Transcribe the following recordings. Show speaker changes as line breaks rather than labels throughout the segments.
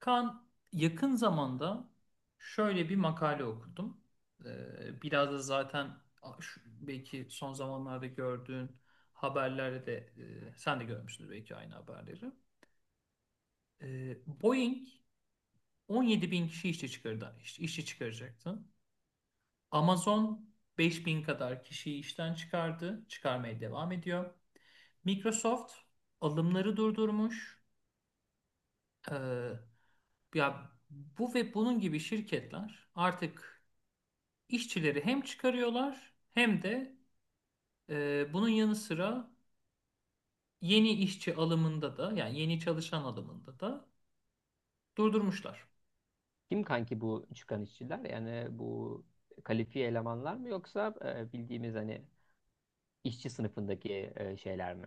Kaan, yakın zamanda şöyle bir makale okudum. Biraz da zaten belki son zamanlarda gördüğün haberlerde de sen de görmüşsündür belki aynı haberleri. Ee, Boeing 17 bin kişi işçi çıkardı, işçi çıkaracaktı. Amazon 5 bin kadar kişiyi işten çıkardı, çıkarmaya devam ediyor. Microsoft alımları durdurmuş. Ee, ya bu ve bunun gibi şirketler artık işçileri hem çıkarıyorlar hem de bunun yanı sıra yeni işçi alımında da yani yeni çalışan alımında da durdurmuşlar.
Kim kanki bu çıkan işçiler? Yani bu kalifiye elemanlar mı yoksa bildiğimiz hani işçi sınıfındaki şeyler mi?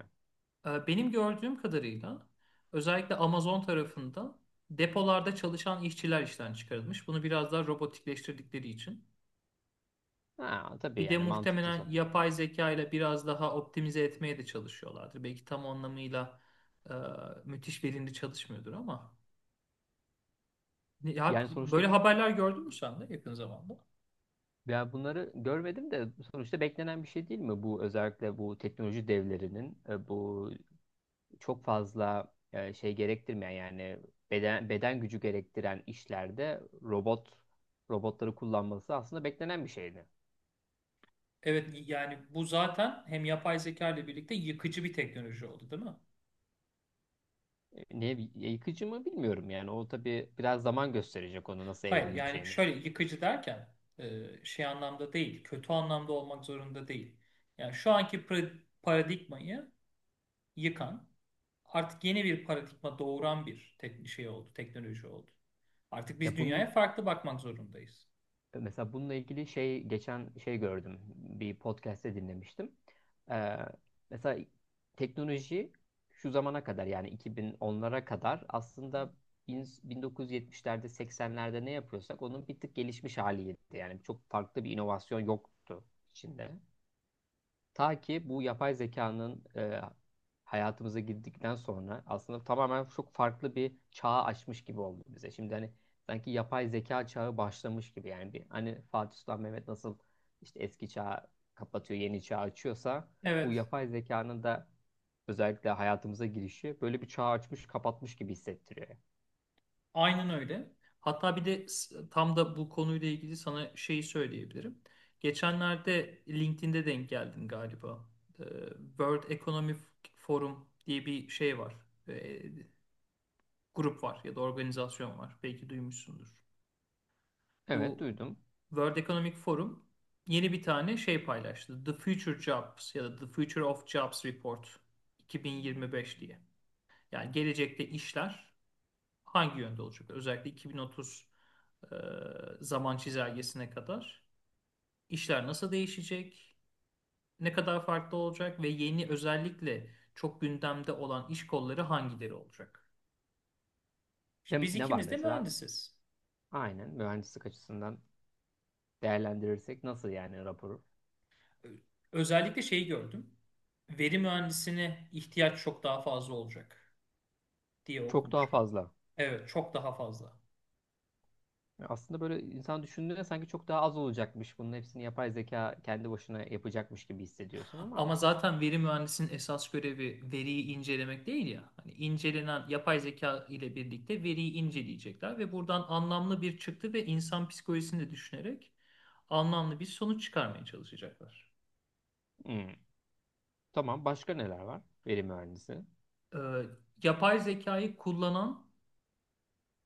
Benim gördüğüm kadarıyla özellikle Amazon tarafında depolarda çalışan işçiler işten çıkarılmış. Bunu biraz daha robotikleştirdikleri için.
Ha, tabii
Bir de
yani mantıklı
muhtemelen
sonuç.
yapay zeka ile biraz daha optimize etmeye de çalışıyorlardır. Belki tam anlamıyla e, müthiş verimli çalışmıyordur ama. Ya,
Yani sonuçta
böyle haberler gördün mü sen de yakın zamanda?
ya bunları görmedim de sonuçta beklenen bir şey değil mi? Bu özellikle bu teknoloji devlerinin bu çok fazla şey gerektirmeyen yani beden gücü gerektiren işlerde robotları kullanması aslında beklenen bir şeydi.
Evet, yani bu zaten hem yapay zeka ile birlikte yıkıcı bir teknoloji oldu, değil mi?
Ne yıkıcı mı bilmiyorum yani o tabii biraz zaman gösterecek onu nasıl
Hayır, yani
evrileceğini.
şöyle yıkıcı derken şey anlamda değil, kötü anlamda olmak zorunda değil. Yani şu anki paradigmayı yıkan, artık yeni bir paradigma doğuran bir tek şey oldu, teknoloji oldu. Artık biz
Ya
dünyaya
bunun
farklı bakmak zorundayız.
mesela bununla ilgili şey geçen şey gördüm bir podcast'te dinlemiştim. Ee, mesela teknoloji şu zamana kadar yani 2010'lara kadar aslında 1970'lerde 80'lerde ne yapıyorsak onun bir tık gelişmiş haliydi. Yani çok farklı bir inovasyon yoktu içinde. Ta ki bu yapay zekanın hayatımıza girdikten sonra aslında tamamen çok farklı bir çağı açmış gibi oldu bize. Şimdi hani sanki yapay zeka çağı başlamış gibi yani bir hani Fatih Sultan Mehmet nasıl işte eski çağı kapatıyor, yeni çağı açıyorsa bu
Evet,
yapay zekanın da özellikle hayatımıza girişi böyle bir çağı açmış, kapatmış gibi hissettiriyor.
aynen öyle. Hatta bir de tam da bu konuyla ilgili sana şeyi söyleyebilirim. Geçenlerde LinkedIn'de denk geldin galiba. Ee, World Economic Forum diye bir şey var. Ee, grup var ya da organizasyon var. Belki duymuşsundur.
Evet,
Bu
duydum.
World Economic Forum yeni bir tane şey paylaştı. The Future Jobs ya da The Future of Jobs Report 2025 diye. Yani gelecekte işler hangi yönde olacak? Özellikle 2030 e, zaman çizelgesine kadar işler nasıl değişecek? Ne kadar farklı olacak ve yeni özellikle çok gündemde olan iş kolları hangileri olacak? Şimdi
Hem
biz
ne var
ikimiz de
mesela?
mühendisiz.
Aynen, mühendislik açısından değerlendirirsek nasıl yani raporu?
Özellikle şeyi gördüm. Veri mühendisine ihtiyaç çok daha fazla olacak diye
Çok daha
okumuştum.
fazla.
Evet, çok daha fazla.
Aslında böyle insan düşündüğünde sanki çok daha az olacakmış. Bunun hepsini yapay zeka kendi başına yapacakmış gibi hissediyorsun ama.
Ama zaten veri mühendisinin esas görevi veriyi incelemek değil ya. Hani incelenen yapay zeka ile birlikte veriyi inceleyecekler ve buradan anlamlı bir çıktı ve insan psikolojisini de düşünerek anlamlı bir sonuç çıkarmaya çalışacaklar.
Hmm. Tamam, başka neler var? Veri mühendisi.
Ee, yapay zekayı kullanan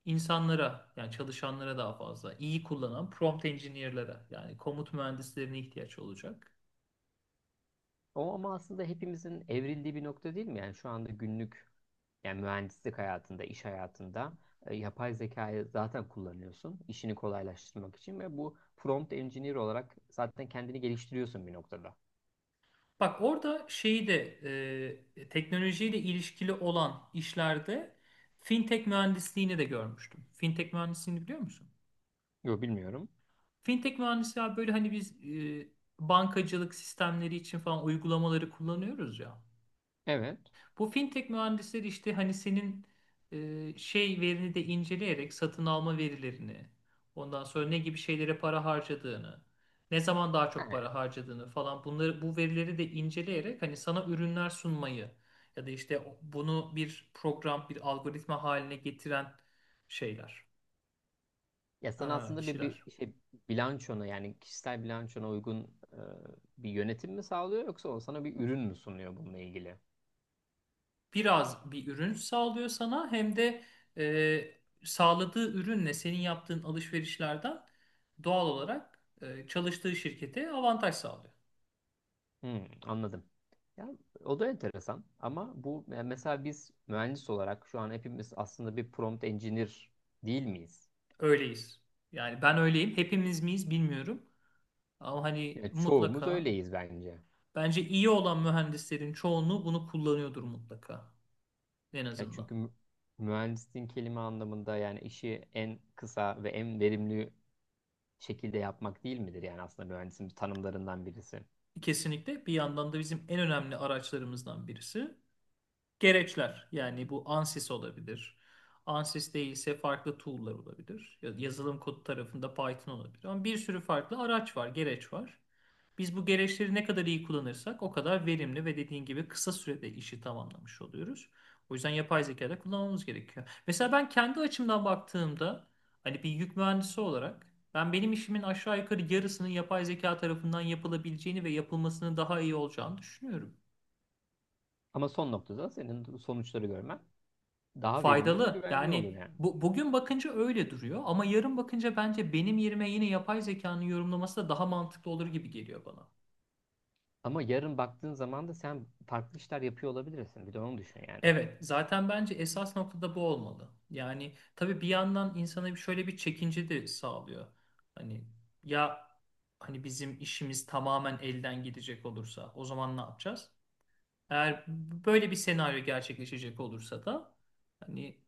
insanlara yani çalışanlara daha fazla iyi kullanan prompt engineer'lara yani komut mühendislerine ihtiyaç olacak.
O ama aslında hepimizin evrildiği bir nokta değil mi? Yani şu anda günlük yani mühendislik hayatında, iş hayatında yapay zekayı zaten kullanıyorsun. İşini kolaylaştırmak için ve bu prompt engineer olarak zaten kendini geliştiriyorsun bir noktada.
Bak orada şeyi de teknolojiyle ilişkili olan işlerde fintech mühendisliğini de görmüştüm. Fintech mühendisliğini biliyor musun?
Yok, bilmiyorum.
Fintech mühendisi ya böyle hani biz bankacılık sistemleri için falan uygulamaları kullanıyoruz ya.
Evet.
Bu fintech mühendisleri işte hani senin şey verini de inceleyerek satın alma verilerini, ondan sonra ne gibi şeylere para harcadığını, ne zaman daha çok
Ha.
para harcadığını falan bunları bu verileri de inceleyerek hani sana ürünler sunmayı ya da işte bunu bir program, bir algoritma haline getiren şeyler,
Ya sen
ha,
aslında bir,
kişiler.
bir şey bilançona yani kişisel bilançona uygun e, bir yönetim mi sağlıyor yoksa o sana bir ürün mü sunuyor bununla ilgili?
Biraz bir ürün sağlıyor sana hem de e, sağladığı ürünle senin yaptığın alışverişlerden doğal olarak çalıştığı şirkete avantaj sağlıyor.
Hmm, anladım. Ya o da enteresan ama bu yani mesela biz mühendis olarak şu an hepimiz aslında bir prompt engineer değil miyiz?
Öyleyiz. Yani ben öyleyim. Hepimiz miyiz bilmiyorum. Ama hani
Ya çoğumuz
mutlaka
öyleyiz bence.
bence iyi olan mühendislerin çoğunluğu bunu kullanıyordur mutlaka en
Ya
azından.
çünkü mühendisliğin kelime anlamında yani işi en kısa ve en verimli şekilde yapmak değil midir? Yani aslında mühendisin tanımlarından birisi.
Kesinlikle bir yandan da bizim en önemli araçlarımızdan birisi. Gereçler yani bu ANSYS olabilir. ANSYS değilse farklı tool'lar olabilir. Yazılım kodu tarafında Python olabilir. Ama bir sürü farklı araç var, gereç var. Biz bu gereçleri ne kadar iyi kullanırsak o kadar verimli ve dediğin gibi kısa sürede işi tamamlamış oluyoruz. O yüzden yapay zeka da kullanmamız gerekiyor. Mesela ben kendi açımdan baktığımda hani bir yük mühendisi olarak ben benim işimin aşağı yukarı yarısının yapay zeka tarafından yapılabileceğini ve yapılmasının daha iyi olacağını düşünüyorum.
Ama son noktada senin sonuçları görmen daha verimli ve
Faydalı.
güvenli olur
Yani
yani.
bu, bugün bakınca öyle duruyor ama yarın bakınca bence benim yerime yine yapay zekanın yorumlaması da daha mantıklı olur gibi geliyor bana.
Ama yarın baktığın zaman da sen farklı işler yapıyor olabilirsin. Bir de onu düşün yani.
Evet, zaten bence esas noktada bu olmalı. Yani tabii bir yandan insana bir şöyle bir çekince de sağlıyor. Hani ya hani bizim işimiz tamamen elden gidecek olursa o zaman ne yapacağız? Eğer böyle bir senaryo gerçekleşecek olursa da hani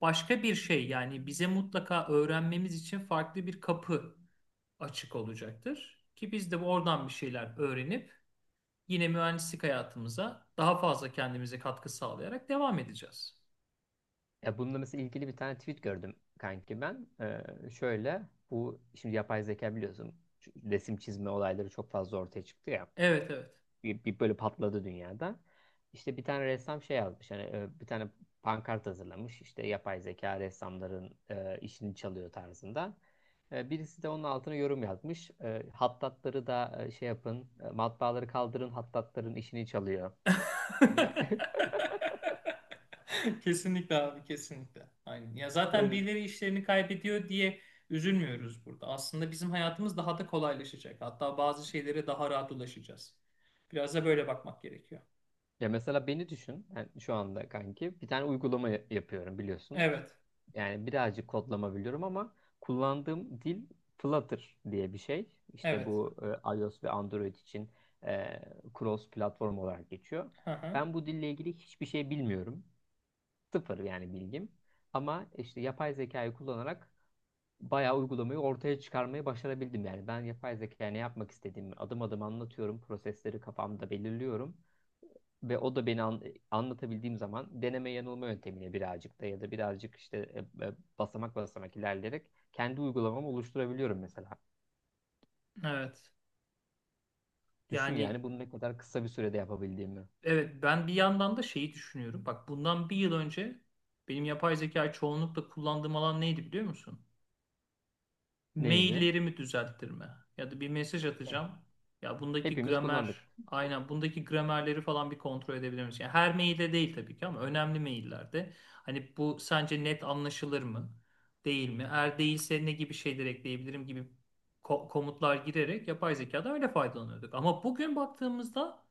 başka bir şey yani bize mutlaka öğrenmemiz için farklı bir kapı açık olacaktır. Ki biz de oradan bir şeyler öğrenip yine mühendislik hayatımıza daha fazla kendimize katkı sağlayarak devam edeceğiz.
Ya bununla mesela ilgili bir tane tweet gördüm kanki ben. Şöyle bu şimdi yapay zeka biliyorsun şu resim çizme olayları çok fazla ortaya çıktı ya.
Evet, evet.
Bir böyle patladı dünyada. İşte bir tane ressam şey yazmış hani bir tane pankart hazırlamış işte yapay zeka ressamların işini çalıyor tarzında. Birisi de onun altına yorum yazmış. Hattatları da şey yapın, matbaaları kaldırın, hattatların işini çalıyor gibi.
Kesinlikle abi, kesinlikle. Aynen. Ya zaten
Evet.
birileri işlerini kaybediyor diye üzülmüyoruz burada. Aslında bizim hayatımız daha da kolaylaşacak. Hatta bazı şeylere daha rahat ulaşacağız. Biraz da böyle bakmak gerekiyor.
Ya mesela beni düşün. Yani şu anda kanki bir tane uygulama yapıyorum biliyorsun.
Evet.
Yani birazcık kodlama biliyorum ama kullandığım dil Flutter diye bir şey. İşte
Evet.
bu iOS ve Android için e, cross platform olarak geçiyor.
Hı hı.
Ben bu dille ilgili hiçbir şey bilmiyorum. Sıfır yani bilgim. Ama işte yapay zekayı kullanarak bayağı uygulamayı ortaya çıkarmayı başarabildim. Yani ben yapay zekaya ne yapmak istediğimi adım adım anlatıyorum. Prosesleri kafamda belirliyorum. Ve o da beni anlatabildiğim zaman deneme yanılma yöntemiyle birazcık da ya da birazcık işte e, basamak basamak ilerleyerek kendi uygulamamı oluşturabiliyorum mesela.
Evet.
Düşün
Yani
yani bunu ne kadar kısa bir sürede yapabildiğimi.
evet, ben bir yandan da şeyi düşünüyorum. Bak bundan bir yıl önce benim yapay zeka çoğunlukla kullandığım alan neydi biliyor musun?
Neyini?
Maillerimi düzelttirme ya da bir mesaj
E,
atacağım. Ya bundaki
Hepimiz kullandık.
gramer, aynen bundaki gramerleri falan bir kontrol edebilir misin? Yani her mailde değil tabii ki ama önemli maillerde. Hani bu sence net anlaşılır mı? Değil mi? Eğer değilse ne gibi şeyler ekleyebilirim gibi komutlar girerek yapay zekadan öyle faydalanıyorduk. Ama bugün baktığımızda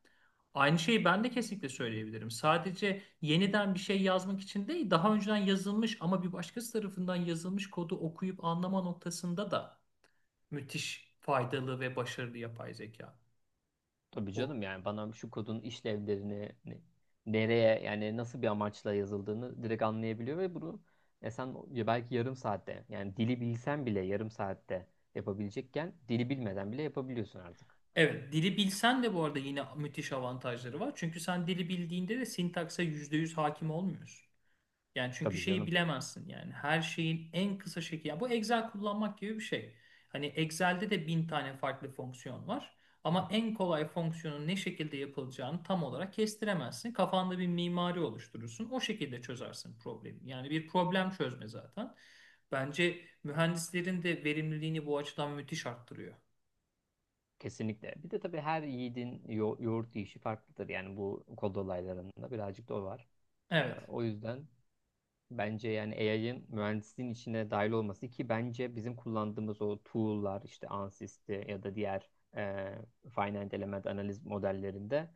aynı şeyi ben de kesinlikle söyleyebilirim. Sadece yeniden bir şey yazmak için değil, daha önceden yazılmış ama bir başkası tarafından yazılmış kodu okuyup anlama noktasında da müthiş faydalı ve başarılı yapay zeka.
Tabii
O
canım, yani bana şu kodun işlevlerini nereye yani nasıl bir amaçla yazıldığını direkt anlayabiliyor ve bunu sen ya belki yarım saatte yani dili bilsen bile yarım saatte yapabilecekken dili bilmeden bile yapabiliyorsun artık.
Evet, dili bilsen de bu arada yine müthiş avantajları var. Çünkü sen dili bildiğinde de sintakse %100 hakim olmuyorsun. Yani çünkü
Tabii
şeyi
canım.
bilemezsin yani her şeyin en kısa şekli. Yani bu Excel kullanmak gibi bir şey. Hani Excel'de de bin tane farklı fonksiyon var. Ama en kolay fonksiyonun ne şekilde yapılacağını tam olarak kestiremezsin. Kafanda bir mimari oluşturursun. O şekilde çözersin problemi. Yani bir problem çözme zaten. Bence mühendislerin de verimliliğini bu açıdan müthiş arttırıyor.
Kesinlikle. Bir de tabii her yiğidin yoğurt yiyişi farklıdır. Yani bu kod olaylarında birazcık da o var. Ee,
Evet.
o yüzden bence yani AI'ın mühendisliğin içine dahil olması ki bence bizim kullandığımız o tool'lar işte Ansys'te ya da diğer e, finite element analiz modellerinde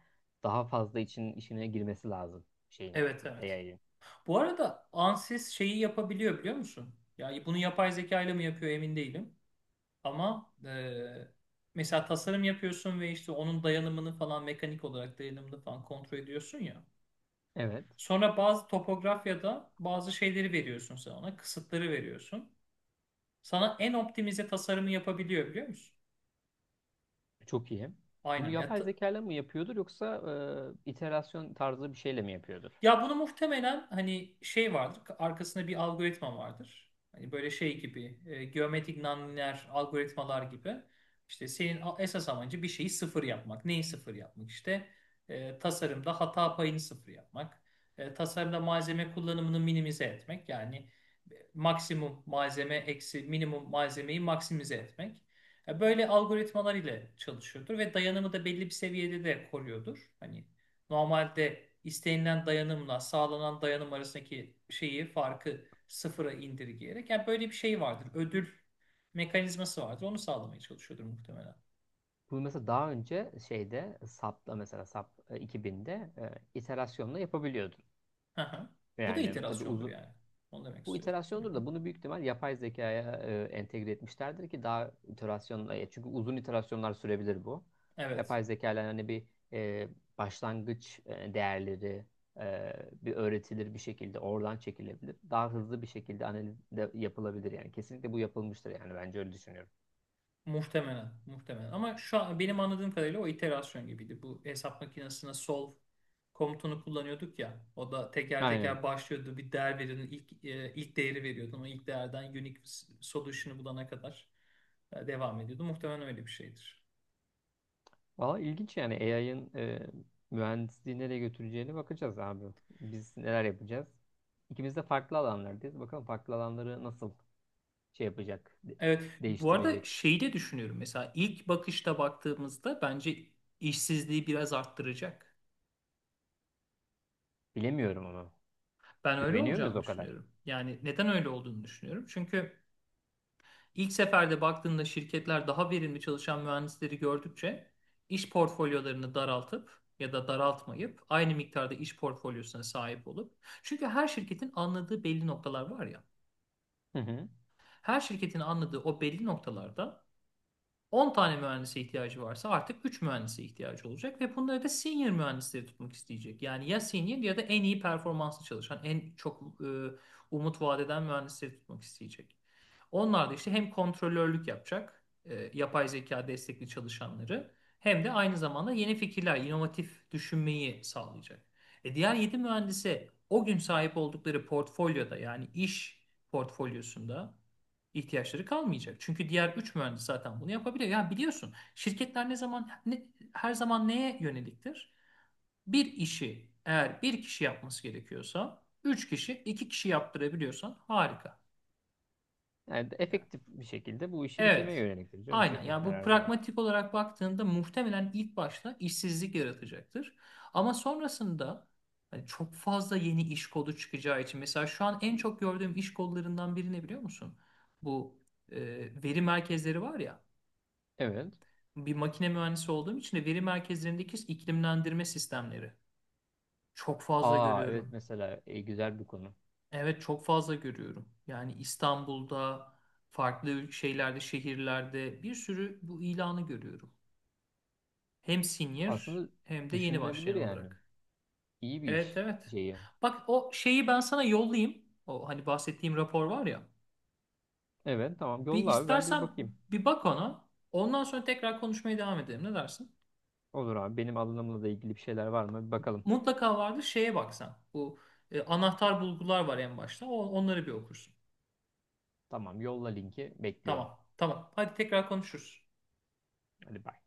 daha fazla için işine girmesi lazım şeyin
Evet, evet.
AI'ın.
Bu arada Ansys şeyi yapabiliyor biliyor musun? Ya bunu yapay zeka ile mi yapıyor, emin değilim. Ama mesela tasarım yapıyorsun ve işte onun dayanımını falan mekanik olarak dayanımını falan kontrol ediyorsun ya.
Evet.
Sonra bazı topografyada bazı şeyleri veriyorsun sen ona, kısıtları veriyorsun. Sana en optimize tasarımı yapabiliyor biliyor musun?
Çok iyi. Bunu
Aynen.
yapay zeka ile mi yapıyordur yoksa iterasyon tarzı bir şeyle mi yapıyordur?
Ya bunu muhtemelen hani şey vardır, arkasında bir algoritma vardır. Hani böyle şey gibi, geometrik nonlinear algoritmalar gibi. İşte senin esas amacı bir şeyi sıfır yapmak. Neyi sıfır yapmak? İşte tasarımda hata payını sıfır yapmak. Tasarımda malzeme kullanımını minimize etmek. Yani maksimum malzeme eksi minimum malzemeyi maksimize etmek. Böyle algoritmalar ile çalışıyordur ve dayanımı da belli bir seviyede de koruyordur. Hani normalde istenilen dayanımla sağlanan dayanım arasındaki şeyi farkı sıfıra indirgeyerek yani böyle bir şey vardır. Ödül mekanizması vardır. Onu sağlamaya çalışıyordur muhtemelen.
Bu mesela daha önce şeyde SAP'la mesela SAP 2000'de e, iterasyonla yapabiliyordun.
Hı hı. Bu da
Yani tabii
iterasyondur
uzun
yani. Onu demek
bu
istiyorum. Hı
iterasyondur
hı.
da bunu büyük ihtimal yapay zekaya entegre etmişlerdir ki daha iterasyonla çünkü uzun iterasyonlar sürebilir bu.
Evet.
Yapay zeka ile hani bir e, başlangıç değerleri e, bir öğretilir bir şekilde oradan çekilebilir. Daha hızlı bir şekilde analiz de yapılabilir yani. Kesinlikle bu yapılmıştır yani bence öyle düşünüyorum.
Muhtemelen, muhtemelen. Ama şu an benim anladığım kadarıyla o iterasyon gibiydi. Bu hesap makinesine solve komutunu kullanıyorduk ya. O da teker
Aynen.
teker başlıyordu. Bir değer veriyordun. İlk e, ilk değeri veriyordun. O ilk değerden unique solution'ı bulana kadar devam ediyordu. Muhtemelen öyle bir şeydir.
Valla ilginç yani AI'ın mühendisliği nereye götüreceğine bakacağız abi. Biz neler yapacağız? İkimiz de farklı alanlardayız. Bakalım farklı alanları nasıl şey yapacak,
Evet, bu arada
değiştirecek.
şeyi de düşünüyorum. Mesela ilk bakışta baktığımızda bence işsizliği biraz arttıracak.
Bilemiyorum onu.
Ben öyle
Güveniyor muyuz
olacağını
o kadar?
düşünüyorum. Yani neden öyle olduğunu düşünüyorum. Çünkü İlk seferde baktığında şirketler daha verimli çalışan mühendisleri gördükçe iş portfolyolarını daraltıp ya da daraltmayıp aynı miktarda iş portfolyosuna sahip olup çünkü her şirketin anladığı belli noktalar var ya.
Hı hı.
Her şirketin anladığı o belli noktalarda 10 tane mühendise ihtiyacı varsa artık 3 mühendise ihtiyacı olacak ve bunları da senior mühendisleri tutmak isteyecek. Yani ya senior ya da en iyi performanslı çalışan, en çok umut vaat eden mühendisleri tutmak isteyecek. Onlar da işte hem kontrolörlük yapacak, yapay zeka destekli çalışanları hem de aynı zamanda yeni fikirler, inovatif düşünmeyi sağlayacak. Diğer 7 mühendise o gün sahip oldukları portfolyoda yani iş portfolyosunda ihtiyaçları kalmayacak. Çünkü diğer 3 mühendis zaten bunu yapabilir. Yani biliyorsun şirketler ne zaman ne, her zaman neye yöneliktir? Bir işi eğer bir kişi yapması gerekiyorsa 3 kişi 2 kişi yaptırabiliyorsan harika.
Yani
Yani,
efektif bir şekilde bu işi bitirmeye
evet.
yöneliktir canım
Aynen. Yani
şirketler
bu
her zaman.
pragmatik olarak baktığında muhtemelen ilk başta işsizlik yaratacaktır. Ama sonrasında hani çok fazla yeni iş kolu çıkacağı için mesela şu an en çok gördüğüm iş kollarından biri ne biliyor musun? Bu e, veri merkezleri var ya.
Evet.
Bir makine mühendisi olduğum için de veri merkezlerindeki iklimlendirme sistemleri çok fazla
Aa, evet,
görüyorum.
mesela güzel bir konu.
Evet, çok fazla görüyorum. Yani İstanbul'da, farklı şeylerde, şehirlerde bir sürü bu ilanı görüyorum. Hem senior
Aslında
hem de yeni
düşünülebilir
başlayan
yani.
olarak.
İyi bir
Evet,
iş
evet.
şeyi.
Bak o şeyi ben sana yollayayım. O hani bahsettiğim rapor var ya.
Evet, tamam,
Bir
yolla abi ben de bir
istersen
bakayım.
bir bak ona. Ondan sonra tekrar konuşmaya devam edelim. Ne dersin?
Olur abi, benim alanımla da ilgili bir şeyler var mı? Bir bakalım.
Mutlaka vardır, şeye baksan. Bu anahtar bulgular var en başta. O, onları bir okursun.
Tamam, yolla, linki bekliyorum.
Tamam. Tamam. Hadi tekrar konuşuruz.
Hadi, bye.